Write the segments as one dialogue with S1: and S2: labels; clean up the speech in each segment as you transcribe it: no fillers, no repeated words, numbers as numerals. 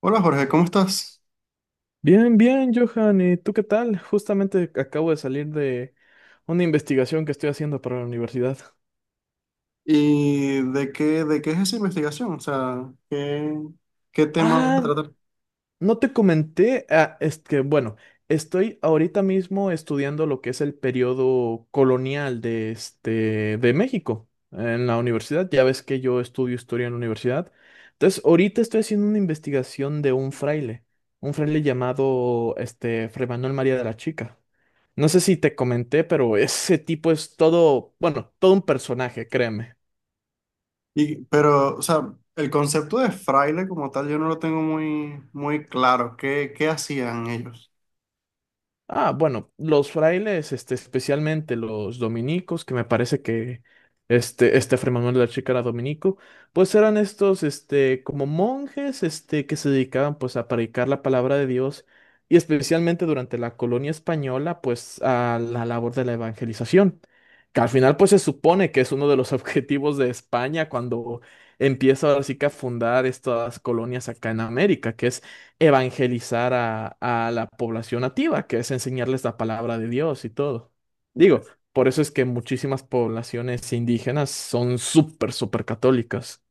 S1: Hola Jorge, ¿cómo estás?
S2: Bien, bien, Johan. ¿Y tú qué tal? Justamente acabo de salir de una investigación que estoy haciendo para la universidad.
S1: ¿Y de qué es esa investigación? O sea, ¿qué tema vas a
S2: Ah,
S1: tratar?
S2: no te comenté. Ah, es que, bueno, estoy ahorita mismo estudiando lo que es el periodo colonial de, de México en la universidad. Ya ves que yo estudio historia en la universidad. Entonces, ahorita estoy haciendo una investigación de un fraile llamado Fray Manuel María de la Chica. No sé si te comenté, pero ese tipo es todo, bueno, todo un personaje, créeme.
S1: Y, pero, o sea, el concepto de fraile como tal yo no lo tengo muy, muy claro. ¿Qué hacían ellos?
S2: Ah, bueno, los frailes, especialmente los dominicos, que me parece que este Fray Manuel de la Chica era dominico, pues eran estos, como monjes, que se dedicaban, pues, a predicar la palabra de Dios y especialmente durante la colonia española, pues, a la labor de la evangelización, que al final, pues, se supone que es uno de los objetivos de España cuando empieza ahora sí que a fundar estas colonias acá en América, que es evangelizar a la población nativa, que es enseñarles la palabra de Dios y todo.
S1: Ok.
S2: Digo, por eso es que muchísimas poblaciones indígenas son súper, súper católicas.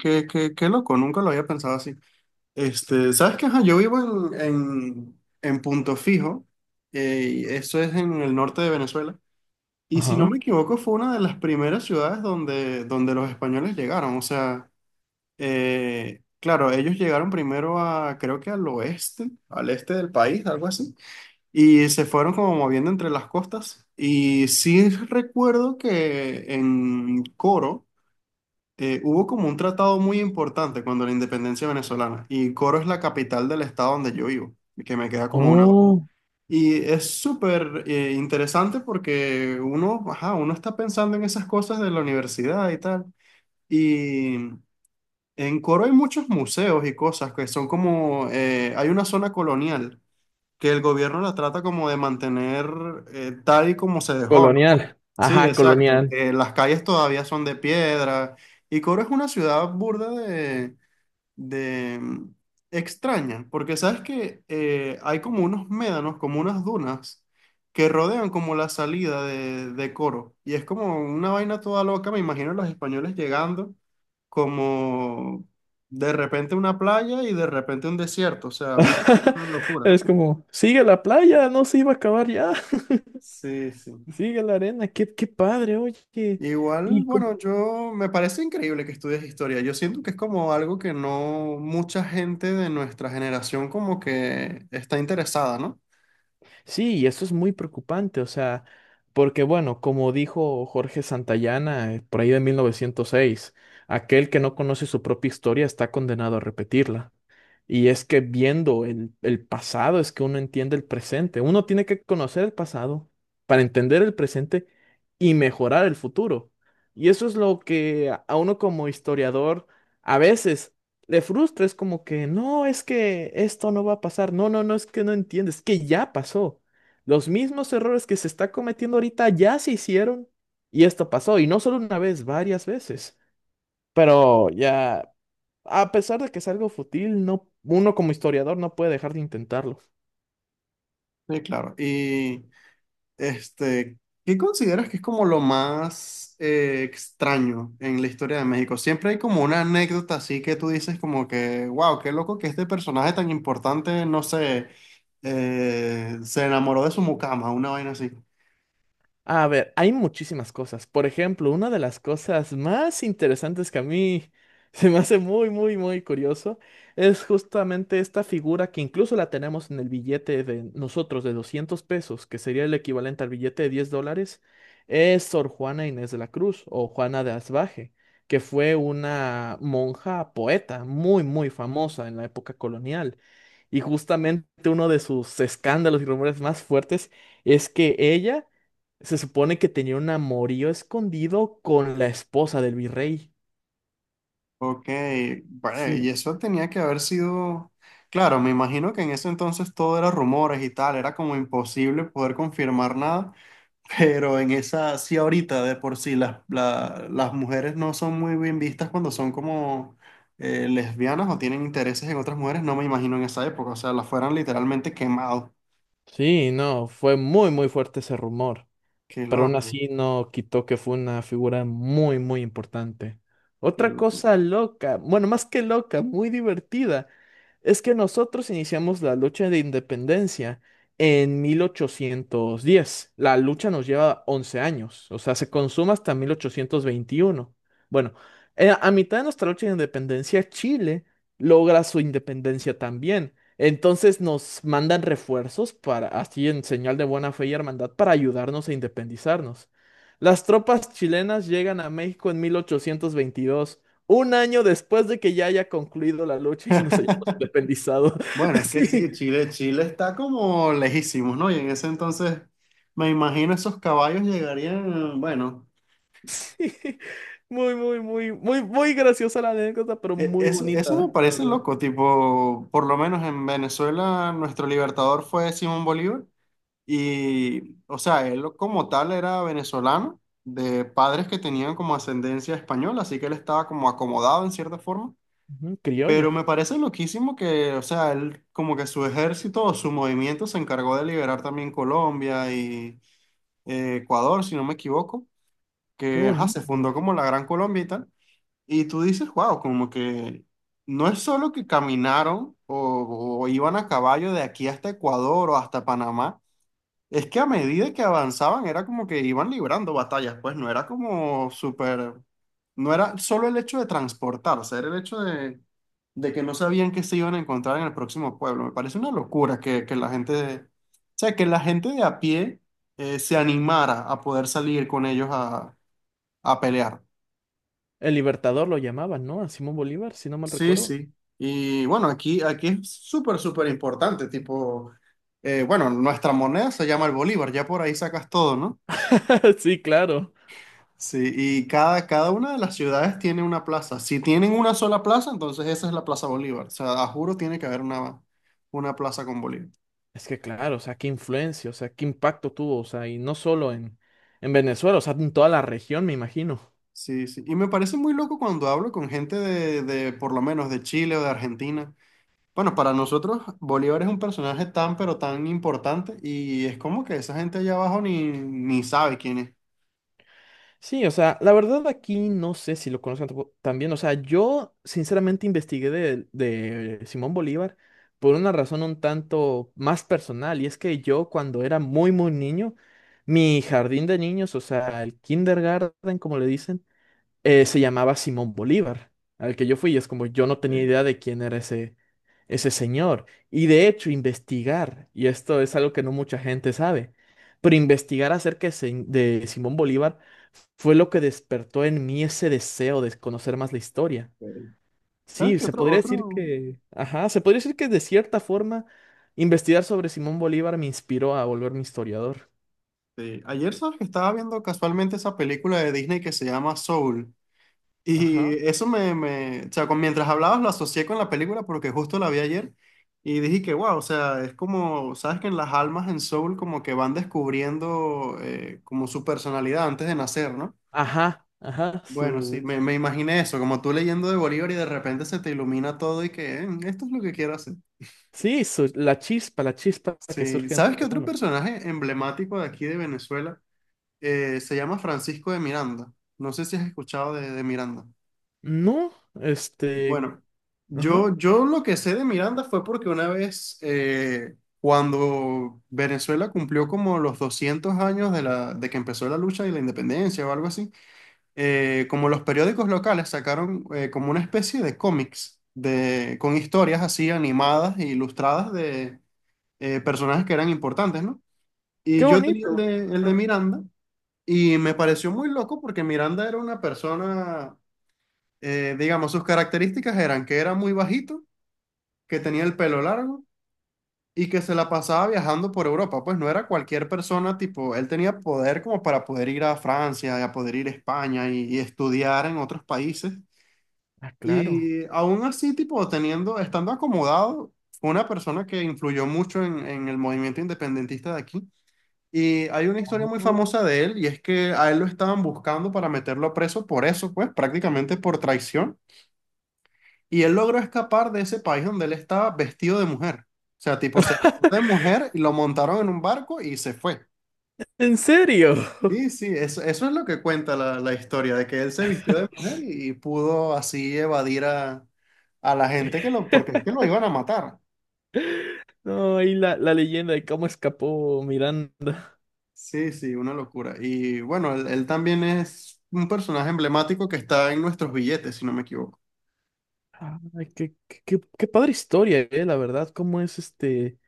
S1: Qué loco, nunca lo había pensado así. Este, ¿sabes qué? Ajá, yo vivo en Punto Fijo, y eso es en el norte de Venezuela, y si
S2: Ajá.
S1: no me equivoco fue una de las primeras ciudades donde los españoles llegaron, o sea. Claro, ellos llegaron primero a, creo que al oeste, al este del país, algo así, y se fueron como moviendo entre las costas. Y sí recuerdo que en Coro hubo como un tratado muy importante cuando la independencia venezolana, y Coro es la capital del estado donde yo vivo, que me queda como una.
S2: Oh,
S1: Y es súper interesante porque uno, ajá, uno está pensando en esas cosas de la universidad y tal. Y en Coro hay muchos museos y cosas que son como, hay una zona colonial que el gobierno la trata como de mantener tal y como se dejó, ¿no?
S2: colonial.
S1: Sí,
S2: Ajá,
S1: exacto,
S2: colonial.
S1: que las calles todavía son de piedra y Coro es una ciudad burda de, de mm, extraña, porque sabes que hay como unos médanos, como unas dunas que rodean como la salida de Coro, y es como una vaina toda loca. Me imagino a los españoles llegando como de repente una playa y de repente un desierto, o sea, una locura.
S2: Es como, sigue la playa, no se iba a acabar ya.
S1: Sí, sí.
S2: Sigue la arena, qué padre, oye.
S1: Igual,
S2: Y
S1: bueno, yo me parece increíble que estudies historia. Yo siento que es como algo que no mucha gente de nuestra generación como que está interesada, ¿no?
S2: Sí, y eso es muy preocupante, o sea, porque bueno, como dijo Jorge Santayana por ahí de 1906, aquel que no conoce su propia historia está condenado a repetirla. Y es que viendo el pasado es que uno entiende el presente. Uno tiene que conocer el pasado para entender el presente y mejorar el futuro. Y eso es lo que a uno como historiador a veces le frustra. Es como que, no, es que esto no va a pasar. No, no, no, es que no entiendes, es que ya pasó. Los mismos errores que se está cometiendo ahorita ya se hicieron y esto pasó. Y no solo una vez, varias veces. Pero ya. A pesar de que es algo fútil, no, uno como historiador no puede dejar de intentarlo.
S1: Sí, claro. Y este, ¿qué consideras que es como lo más extraño en la historia de México? Siempre hay como una anécdota así que tú dices como que, wow, qué loco que este personaje tan importante, no sé, se enamoró de su mucama, una vaina así.
S2: A ver, hay muchísimas cosas. Por ejemplo, una de las cosas más interesantes que a mí se me hace muy, muy, muy curioso es justamente esta figura que incluso la tenemos en el billete de nosotros de 200 pesos, que sería el equivalente al billete de $10, es Sor Juana Inés de la Cruz o Juana de Asbaje, que fue una monja poeta muy, muy famosa en la época colonial. Y justamente uno de sus escándalos y rumores más fuertes es que ella se supone que tenía un amorío escondido con la esposa del virrey.
S1: Ok, vale, y
S2: Sí,
S1: eso tenía que haber sido, claro, me imagino que en ese entonces todo era rumores y tal, era como imposible poder confirmar nada. Pero en esa, sí, ahorita de por sí, las, las mujeres no son muy bien vistas cuando son como lesbianas o tienen intereses en otras mujeres, no me imagino en esa época, o sea, las fueran literalmente quemados.
S2: sí, no, fue muy, muy fuerte ese rumor.
S1: Qué
S2: Pero aún
S1: loco,
S2: así no quitó que fue una figura muy, muy importante.
S1: qué
S2: Otra
S1: loco.
S2: cosa loca, bueno, más que loca, muy divertida, es que nosotros iniciamos la lucha de independencia en 1810. La lucha nos lleva 11 años, o sea, se consuma hasta 1821. Bueno, a mitad de nuestra lucha de independencia, Chile logra su independencia también. Entonces nos mandan refuerzos para, así en señal de buena fe y hermandad, para ayudarnos a independizarnos. Las tropas chilenas llegan a México en 1822, un año después de que ya haya concluido la lucha y nos hayamos independizado.
S1: Bueno, es que
S2: Sí,
S1: sí, Chile, Chile está como lejísimos, ¿no? Y en ese entonces, me imagino esos caballos llegarían, bueno,
S2: sí. Muy, muy, muy, muy, muy graciosa la anécdota, pero
S1: e-
S2: muy
S1: eso, eso me
S2: bonita, la
S1: parece
S2: verdad.
S1: loco, tipo, por lo menos en Venezuela, nuestro libertador fue Simón Bolívar. Y, o sea, él como tal era venezolano, de padres que tenían como ascendencia española, así que él estaba como acomodado en cierta forma.
S2: Ujú,
S1: Pero
S2: criollo,
S1: me parece loquísimo que, o sea, él como que su ejército o su movimiento se encargó de liberar también Colombia y Ecuador, si no me equivoco,
S2: qué
S1: que ajá,
S2: bonito.
S1: se fundó como la Gran Colombia y tal. Y tú dices, wow, como que no es solo que caminaron o iban a caballo de aquí hasta Ecuador o hasta Panamá, es que a medida que avanzaban era como que iban librando batallas. Pues no era como súper, no era solo el hecho de transportarse, era el hecho de que no sabían qué se iban a encontrar en el próximo pueblo. Me parece una locura que la gente, o sea, que la gente de a pie se animara a poder salir con ellos a pelear.
S2: El Libertador lo llamaban, ¿no? A Simón Bolívar, si no mal
S1: Sí,
S2: recuerdo.
S1: sí. Y bueno, aquí es súper, súper importante, tipo, bueno, nuestra moneda se llama el bolívar, ya por ahí sacas todo, ¿no?
S2: Sí, claro.
S1: Sí, y cada una de las ciudades tiene una plaza. Si tienen una sola plaza, entonces esa es la Plaza Bolívar. O sea, a juro tiene que haber una plaza con Bolívar.
S2: Es que claro, o sea, qué influencia, o sea, qué impacto tuvo, o sea, y no solo en Venezuela, o sea, en toda la región, me imagino.
S1: Sí, sí. Y me parece muy loco cuando hablo con gente de, por lo menos, de Chile o de Argentina. Bueno, para nosotros Bolívar es un personaje tan, pero tan importante, y es como que esa gente allá abajo ni sabe quién es.
S2: Sí, o sea, la verdad aquí no sé si lo conocen también, o sea, yo sinceramente investigué de Simón Bolívar por una razón un tanto más personal, y es que yo cuando era muy, muy niño, mi jardín de niños, o sea, el kindergarten, como le dicen, se llamaba Simón Bolívar, al que yo fui, y es como yo
S1: Ok,
S2: no tenía idea de quién era ese señor. Y de hecho, investigar, y esto es algo que no mucha gente sabe, pero investigar acerca de Simón Bolívar fue lo que despertó en mí ese deseo de conocer más la historia.
S1: ok. ¿Sabes
S2: Sí,
S1: qué
S2: se
S1: otro,
S2: podría decir
S1: otro?
S2: que, ajá, se podría decir que de cierta forma investigar sobre Simón Bolívar me inspiró a volverme historiador.
S1: Sí. Ayer sabes que estaba viendo casualmente esa película de Disney que se llama Soul. Y
S2: Ajá,
S1: eso o sea, con, mientras hablabas lo asocié con la película porque justo la vi ayer y dije que, wow, o sea, es como, sabes que en las almas en Soul como que van descubriendo como su personalidad antes de nacer, ¿no?
S2: ajá, ajá,
S1: Bueno, sí,
S2: su
S1: me imaginé eso, como tú leyendo de Bolívar y de repente se te ilumina todo y que, esto es lo que quiero hacer".
S2: Sí, la chispa que
S1: Sí,
S2: surge dentro
S1: ¿sabes qué
S2: de
S1: otro
S2: uno.
S1: personaje emblemático de aquí de Venezuela se llama Francisco de Miranda? No sé si has escuchado de Miranda.
S2: No, este,
S1: Bueno,
S2: ajá,
S1: yo lo que sé de Miranda fue porque una vez, cuando Venezuela cumplió como los 200 años de, la, de que empezó la lucha y la independencia o algo así, como los periódicos locales sacaron como una especie de cómics de, con historias así animadas e ilustradas de personajes que eran importantes, ¿no? Y
S2: qué
S1: yo tenía el
S2: bonito.
S1: de, el de Miranda, y me pareció muy loco porque Miranda era una persona, digamos, sus características eran que era muy bajito, que tenía el pelo largo y que se la pasaba viajando por Europa. Pues no era cualquier persona, tipo, él tenía poder como para poder ir a Francia y a poder ir a España y estudiar en otros países.
S2: Ah, claro.
S1: Y aún así, tipo, teniendo, estando acomodado, fue una persona que influyó mucho en el movimiento independentista de aquí. Y hay una historia muy
S2: Oh.
S1: famosa de él, y es que a él lo estaban buscando para meterlo preso por eso, pues, prácticamente por traición. Y él logró escapar de ese país donde él estaba vestido de mujer. O sea, tipo, se vistió de mujer y lo montaron en un barco y se fue.
S2: ¿En serio?
S1: Sí, sí, eso es lo que cuenta la historia, de que él se vistió de mujer y pudo así evadir a la gente que lo, porque es que lo iban a matar.
S2: No, y la leyenda de cómo escapó Miranda.
S1: Sí, sí, una locura. Y bueno, él también es un personaje emblemático que está en nuestros billetes, si no me equivoco.
S2: Ay, qué padre historia, la verdad, cómo es este.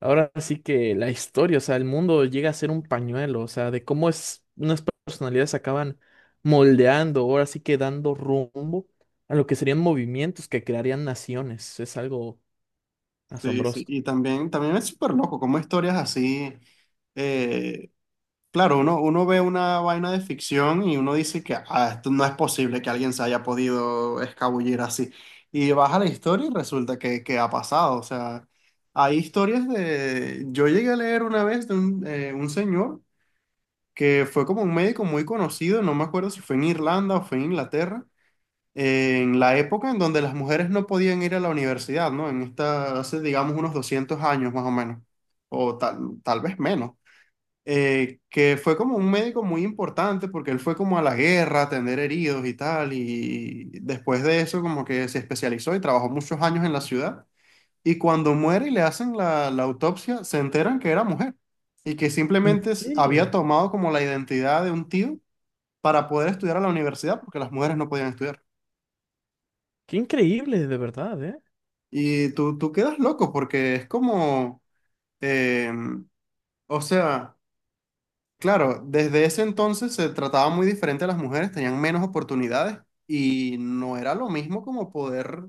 S2: Ahora sí que la historia, o sea, el mundo llega a ser un pañuelo, o sea, de cómo es unas personalidades acaban moldeando, ahora sí que dando rumbo a lo que serían movimientos que crearían naciones. Es algo
S1: Sí, sí.
S2: asombroso.
S1: Y también, también es súper loco, como historias así. eh, Claro, uno ve una vaina de ficción y uno dice que, "Ah, esto no es posible que alguien se haya podido escabullir así". Y vas a la historia y resulta que ha pasado. O sea, hay historias de. Yo llegué a leer una vez de un señor que fue como un médico muy conocido, no me acuerdo si fue en Irlanda o fue en Inglaterra, en la época en donde las mujeres no podían ir a la universidad, ¿no? En esta, hace digamos unos 200 años más o menos, o tal vez menos, que fue como un médico muy importante porque él fue como a la guerra, a atender heridos y tal, y después de eso como que se especializó y trabajó muchos años en la ciudad, y cuando muere y le hacen la autopsia, se enteran que era mujer y que
S2: ¿En
S1: simplemente había
S2: serio?
S1: tomado como la identidad de un tío para poder estudiar a la universidad porque las mujeres no podían estudiar.
S2: Qué increíble, de verdad, ¿eh?
S1: Y tú quedas loco porque es como, em, o sea. Claro, desde ese entonces se trataba muy diferente a las mujeres, tenían menos oportunidades y no era lo mismo como poder,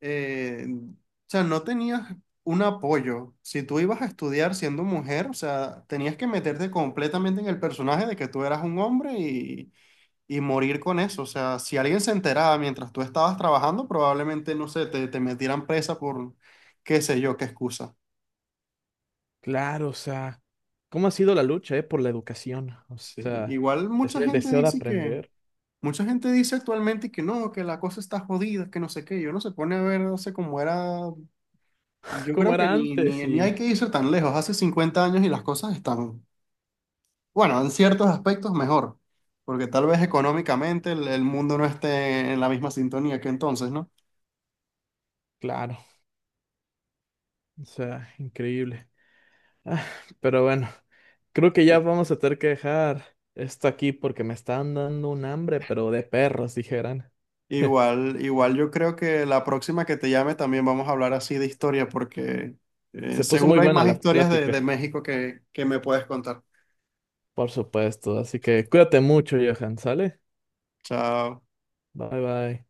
S1: o sea, no tenías un apoyo. Si tú ibas a estudiar siendo mujer, o sea, tenías que meterte completamente en el personaje de que tú eras un hombre y morir con eso. O sea, si alguien se enteraba mientras tú estabas trabajando, probablemente, no sé, te metieran presa por qué sé yo, qué excusa.
S2: Claro, o sea, cómo ha sido la lucha, ¿eh? Por la educación, o
S1: Sí,
S2: sea,
S1: igual
S2: es
S1: mucha
S2: el
S1: gente
S2: deseo de
S1: dice que.
S2: aprender,
S1: Mucha gente dice actualmente que no, que la cosa está jodida, que no sé qué. Yo no se pone a ver, no sé cómo era. Yo
S2: como
S1: creo que
S2: era
S1: ni,
S2: antes
S1: ni, ni hay
S2: y
S1: que irse tan lejos. Hace 50 años y las cosas están, bueno, en ciertos aspectos mejor, porque tal vez económicamente el mundo no esté en la misma sintonía que entonces, ¿no?
S2: claro, o sea, increíble. Ah, pero bueno. Creo que
S1: Sí.
S2: ya vamos a tener que dejar esto aquí porque me están dando un hambre, pero de perros, dijeran.
S1: Igual, igual yo creo que la próxima que te llame también vamos a hablar así de historia, porque
S2: Se puso muy
S1: seguro hay
S2: buena
S1: más
S2: la
S1: historias de
S2: plática,
S1: México que me puedes contar.
S2: por supuesto. Así que cuídate mucho, Johan, ¿sale?
S1: Chao.
S2: Bye bye.